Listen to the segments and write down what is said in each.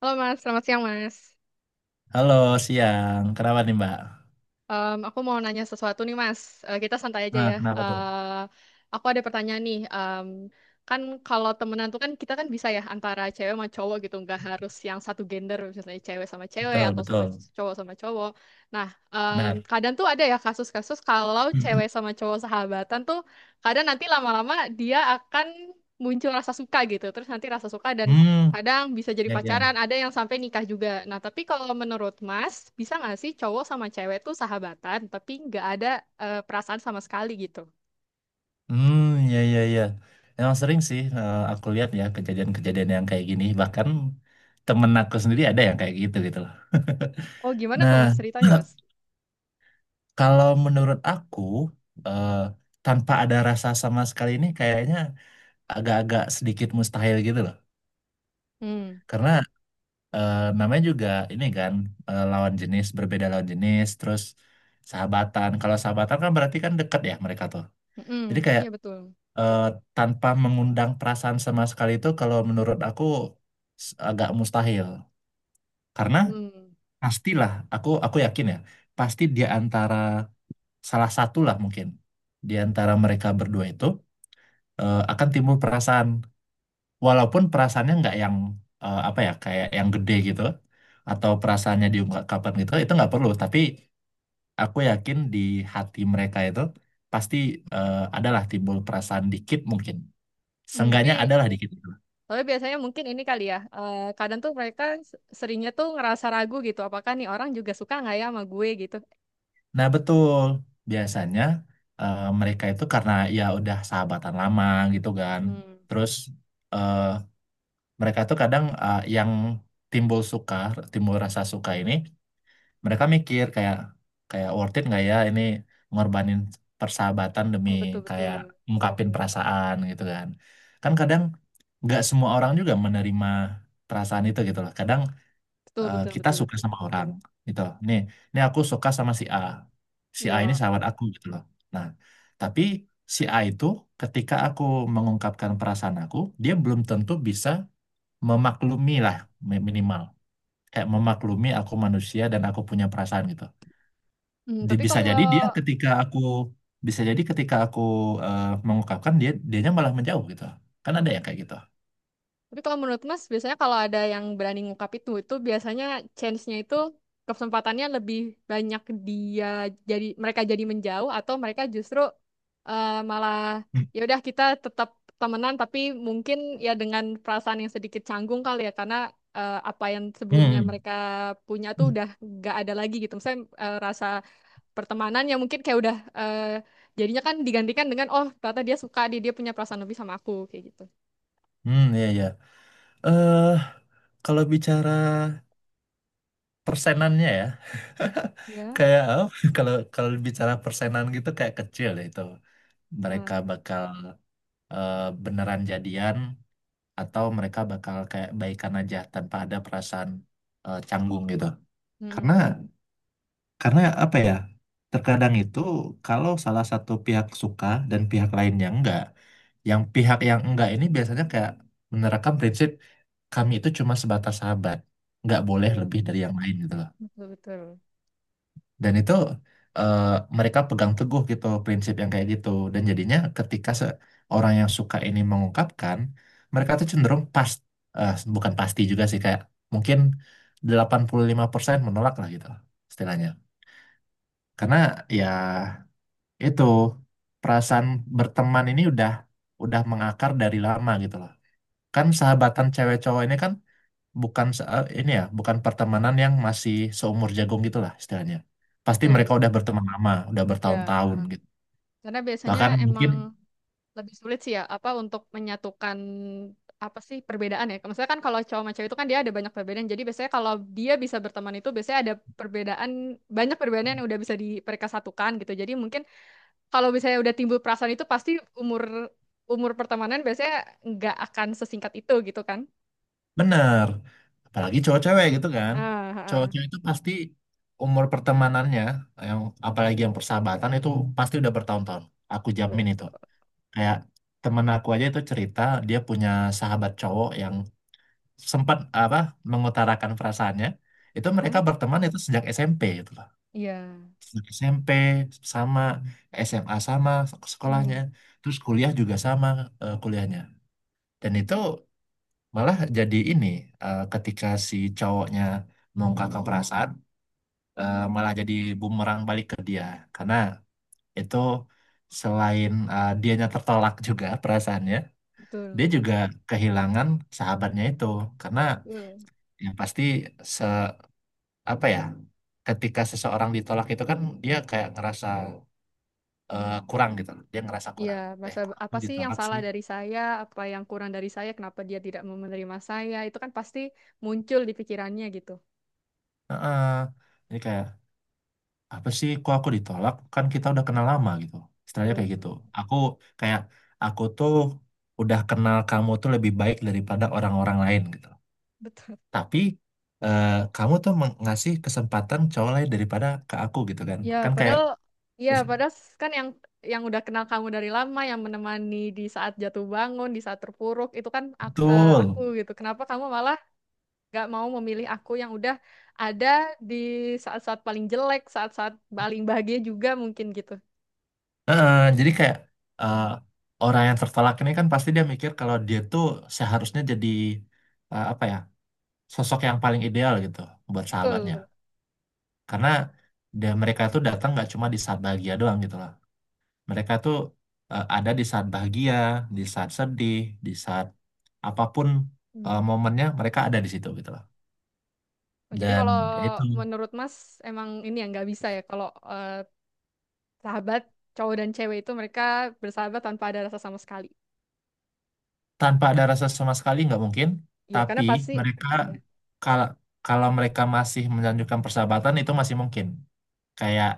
Halo Mas, selamat siang Mas. Halo, siang. Kenapa nih, Mbak? Aku mau nanya sesuatu nih Mas. Kita santai aja Nah, ya. kenapa tuh? Aku ada pertanyaan nih. Kan kalau temenan tuh kan kita kan bisa ya antara cewek sama cowok gitu, nggak harus yang satu gender, misalnya cewek sama cewek Betul, atau sama betul. cowok sama cowok. Nah, Benar. kadang tuh ada ya kasus-kasus kalau Mm. cewek sama cowok sahabatan tuh kadang nanti lama-lama dia akan muncul rasa suka gitu. Terus nanti rasa suka dan Hmm, kadang bisa jadi ya, pacaran, ya. ada yang sampai nikah juga. Nah, tapi kalau menurut Mas, bisa nggak sih cowok sama cewek tuh sahabatan, tapi nggak ada perasaan sama sekali gitu? Hmm, ya, ya, ya. Emang sering sih aku lihat ya kejadian-kejadian yang kayak gini. Bahkan temen aku sendiri ada yang kayak gitu gitu loh. Oh, gimana tuh Nah, Mas ceritanya, Mas? kalau menurut aku, eh, tanpa ada rasa sama sekali ini kayaknya agak-agak sedikit mustahil gitu loh. Hmm, Karena namanya juga ini kan lawan jenis, berbeda lawan jenis, terus sahabatan. Kalau sahabatan kan berarti kan deket ya mereka tuh. mm-mm, Jadi kayak iya betul. eh, tanpa mengundang perasaan sama sekali itu kalau menurut aku agak mustahil. Karena Hmm. pastilah aku yakin ya, pasti di antara salah satu lah mungkin di antara mereka berdua itu akan timbul perasaan walaupun perasaannya nggak yang apa ya kayak yang gede gitu atau perasaannya diungkapkan gitu itu nggak perlu tapi aku yakin di hati mereka itu pasti adalah timbul perasaan dikit mungkin Hmm, seenggaknya tapi adalah dikit gitu. tapi biasanya mungkin ini kali ya. Kadang tuh mereka seringnya tuh ngerasa ragu gitu. Apakah nih orang juga suka nggak ya sama gue gitu? Nah betul, biasanya mereka itu karena ya udah sahabatan lama gitu kan, Hmm. terus eh, mereka tuh kadang yang timbul suka timbul rasa suka ini, mereka mikir kayak kayak worth it nggak ya ini ngorbanin persahabatan demi Oh, betul kayak betul. ungkapin perasaan gitu kan. Kan kadang nggak semua orang juga menerima perasaan itu gitu loh. Kadang Betul betul kita betul suka betul. sama orang gitu, nih nih aku suka sama si A, si A ini Iya. sahabat aku gitu loh. Nah tapi si A itu ketika aku mengungkapkan perasaan aku, dia belum tentu bisa memaklumi lah, Hmm. minimal kayak memaklumi aku manusia dan aku punya perasaan gitu. Hmm, di- tapi bisa jadi dia kalau. ketika aku Bisa jadi ketika aku mengungkapkan, dia dianya malah menjauh gitu kan, ada ya kayak gitu. Tapi kalau menurut Mas, biasanya kalau ada yang berani ngungkap itu biasanya chance-nya itu, kesempatannya lebih banyak dia jadi mereka jadi menjauh atau mereka justru malah hmm ya udah kita tetap temenan tapi mungkin ya dengan perasaan yang sedikit canggung kali ya karena apa yang sebelumnya hmm mereka punya tuh Hmm. udah gak ada lagi gitu. Misalnya rasa pertemanan yang mungkin kayak udah jadinya kan digantikan dengan oh ternyata dia suka dia dia punya perasaan lebih sama aku kayak gitu. Hmm, iya iya. eh Kalau bicara persenannya ya, Ya. kayak eh, kalau kalau bicara persenan gitu kayak kecil ya itu mereka bakal eh, beneran jadian atau mereka bakal kayak baikan aja tanpa ada perasaan canggung gitu karena. Hmm. Karena apa ya? Terkadang itu kalau salah satu pihak suka dan pihak lainnya enggak, yang pihak yang enggak ini biasanya kayak menerapkan prinsip kami itu cuma sebatas sahabat, nggak boleh Betul, lebih dari yang lain gitu loh. betul, betul. Dan itu eh, mereka pegang teguh gitu prinsip yang kayak gitu. Dan jadinya ketika orang yang suka ini mengungkapkan, mereka tuh cenderung pas bukan pasti juga sih, kayak mungkin 85% menolak lah gitu loh, istilahnya. Karena ya itu, perasaan berteman ini udah mengakar dari lama gitu loh. Kan sahabatan cewek cowok ini kan bukan ini ya, bukan pertemanan yang masih seumur jagung gitu lah istilahnya. Pasti Betul, mereka udah berteman lama, udah ya. bertahun-tahun Ah. gitu. Karena biasanya Bahkan emang mungkin lebih sulit sih ya, apa untuk menyatukan apa sih perbedaan ya. Maksudnya kan kalau cowok sama cewek itu kan dia ada banyak perbedaan. Jadi biasanya kalau dia bisa berteman itu biasanya ada perbedaan, banyak perbedaan yang udah bisa mereka satukan gitu. Jadi mungkin kalau misalnya udah timbul perasaan itu pasti umur umur pertemanan biasanya nggak akan sesingkat itu gitu kan. bener, apalagi cowok-cewek gitu kan. Ah, ah, ah. Cowok-cewek itu pasti umur pertemanannya, yang apalagi yang persahabatan itu pasti udah bertahun-tahun. Aku Betul, jamin itu. betul. Kayak temen aku aja itu cerita, dia punya sahabat cowok yang sempat apa mengutarakan perasaannya. Itu mereka Ah, berteman itu sejak SMP gitu loh, iya. sejak SMP sama SMA, sama sekolahnya, Hmm, terus kuliah juga sama kuliahnya. Dan itu malah jadi ini, ketika si cowoknya mengungkapkan perasaan, malah jadi bumerang balik ke dia karena itu, selain dianya tertolak juga perasaannya, betul, dia juga kehilangan sahabatnya itu. Karena betul. ya pasti se apa ya, ketika seseorang ditolak itu kan dia kayak ngerasa kurang gitu loh, dia ngerasa Iya, kurang. Masa Kok aku apa sih yang ditolak salah sih? dari saya, apa yang kurang dari saya, kenapa dia tidak mau menerima saya, itu kan pasti muncul di pikirannya gitu. Heeh. Ini kayak apa sih, kok aku ditolak, kan kita udah kenal lama gitu, istilahnya Betul, kayak gitu. betul. Aku kayak aku tuh udah kenal kamu tuh lebih baik daripada orang-orang lain gitu, Betul. tapi eh, kamu tuh mengasih kesempatan cowok lain daripada ke aku gitu kan, Ya, kan kayak padahal ya, padahal kan yang udah kenal kamu dari lama, yang menemani di saat jatuh bangun, di saat terpuruk, itu kan betul. aku gitu. Kenapa kamu malah gak mau memilih aku yang udah ada di saat-saat paling jelek, saat-saat paling bahagia juga mungkin gitu. Eh, jadi kayak eh, orang yang tertolak ini kan pasti dia mikir kalau dia tuh seharusnya jadi apa ya, sosok yang paling ideal gitu buat sahabatnya. Betul. Karena mereka tuh datang nggak cuma di saat bahagia doang gitu loh. Mereka tuh ada di saat bahagia, di saat sedih, di saat apapun Betul. Momennya mereka ada di situ gitu loh. Oh, jadi Dan kalau ya itu, menurut Mas emang ini yang nggak bisa ya kalau eh, sahabat cowok dan cewek itu mereka bersahabat tanpa ada rasa sama sekali. tanpa ada rasa sama sekali nggak mungkin, Iya, karena tapi pasti mereka ya. kalau kalau mereka masih melanjutkan persahabatan itu masih mungkin. Kayak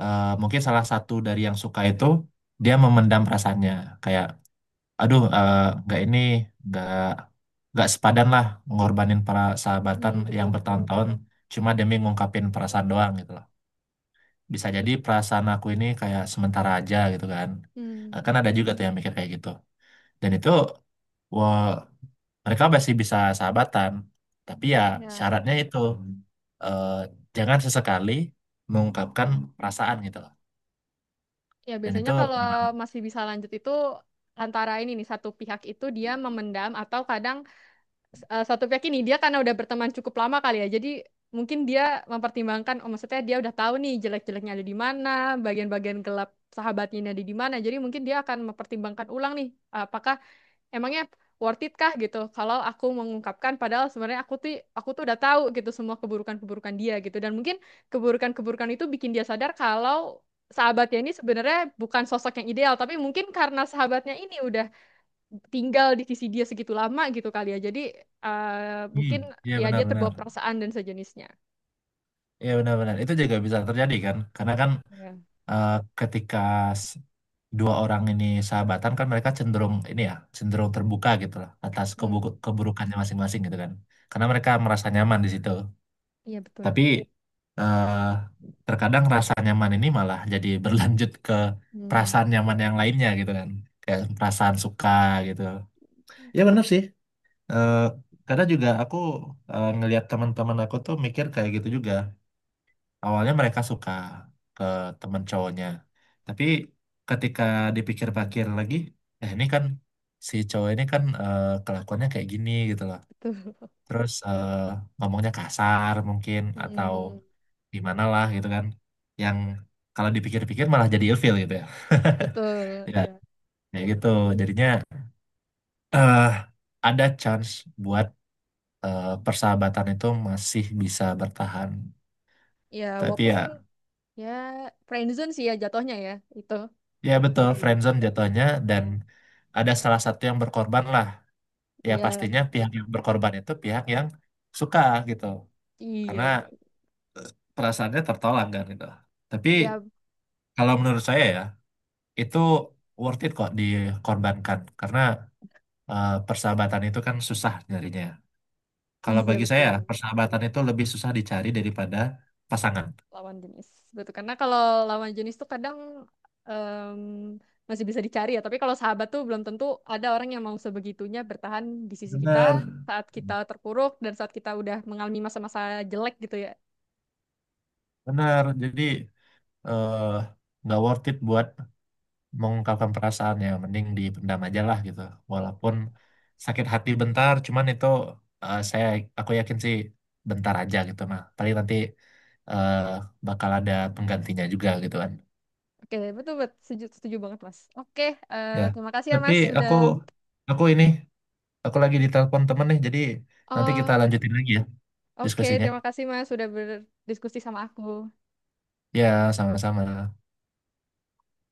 mungkin salah satu dari yang suka itu dia memendam perasaannya, kayak aduh eh, nggak ini nggak sepadan lah ngorbanin persahabatan Hmm, yang betul betul. bertahun-tahun cuma demi ngungkapin perasaan doang gitu loh. Bisa jadi Bet-. perasaan aku ini kayak sementara aja gitu kan. Eh, kan Hmm. ada juga tuh yang mikir kayak gitu. Dan itu wah, mereka masih bisa sahabatan tapi ya Ya. syaratnya itu eh, jangan sesekali mengungkapkan perasaan gitu loh, Ya dan biasanya itu kalau memang. masih bisa lanjut itu antara ini nih satu pihak itu dia memendam atau kadang satu pihak ini dia karena udah berteman cukup lama kali ya. Jadi mungkin dia mempertimbangkan, oh maksudnya dia udah tahu nih jelek-jeleknya ada di mana, bagian-bagian gelap sahabatnya ini ada di mana. Jadi mungkin dia akan mempertimbangkan ulang nih, apakah emangnya worth it kah gitu. Kalau aku mengungkapkan, padahal sebenarnya aku tuh udah tahu gitu semua keburukan-keburukan dia gitu. Dan mungkin keburukan-keburukan itu bikin dia sadar kalau sahabatnya ini sebenarnya bukan sosok yang ideal, tapi mungkin karena sahabatnya ini udah tinggal di sisi dia segitu lama gitu kali ya. Jadi Hmm, mungkin iya ya dia benar-benar. terbawa perasaan dan sejenisnya. Iya benar-benar itu juga bisa terjadi kan karena kan Ya. eh, ketika s- dua orang ini sahabatan kan mereka cenderung ini ya cenderung terbuka gitu loh atas Hmm. Keburukannya masing-masing gitu kan, karena mereka merasa nyaman di situ. Iya betul. Tapi eh, terkadang rasa nyaman ini malah jadi berlanjut ke Hmm. perasaan nyaman yang lainnya gitu kan. Kayak perasaan suka gitu. Ya benar sih. Eh, kadang juga aku ngelihat teman-teman aku tuh mikir kayak gitu juga. Awalnya mereka suka ke teman cowoknya. Tapi ketika dipikir-pikir lagi, eh ini kan si cowok ini kan kelakuannya kayak gini gitu loh. Betul. Terus ngomongnya kasar mungkin atau Hmm. di mana lah gitu kan, yang kalau dipikir-pikir malah jadi ilfil gitu ya. Betul. Ya Iya. kayak gitu, jadinya eh ada chance buat persahabatan itu masih bisa bertahan, Ya tapi walaupun ya ya friendzone sih ya jatuhnya ya itu. ya Kalau betul, kayak gitu. friendzone jatuhnya, dan Hmm. ada salah satu yang berkorban lah. Ya Iya. pastinya pihak yang berkorban itu pihak yang suka gitu, karena Iya. perasaannya tertolak kan gitu. Tapi Ya, kalau menurut saya ya, itu worth it kok dikorbankan karena persahabatan itu kan susah nyarinya. Kalau iya bagi saya, betul. persahabatan itu lebih susah dicari daripada pasangan. Lawan jenis. Betul. Karena kalau lawan jenis tuh kadang em, masih bisa dicari ya. Tapi kalau sahabat tuh belum tentu ada orang yang mau sebegitunya bertahan di sisi kita Benar, saat kita terpuruk dan saat kita udah mengalami masa-masa jelek gitu ya. benar. Jadi eh, nggak worth it buat mengungkapkan perasaannya. Mending dipendam aja lah gitu. Gitu. Walaupun sakit hati bentar, cuman itu eh, saya aku yakin sih bentar aja gitu mah. Paling nanti eh, bakal ada penggantinya juga gitu kan. Oke, betul betul setuju, setuju banget Mas. Oke, Ya, terima kasih ya tapi Mas aku sudah. aku ini aku lagi ditelepon temen nih, jadi nanti kita Oh, lanjutin lagi ya oke, diskusinya. terima kasih Mas sudah berdiskusi sama aku. Ya, sama-sama.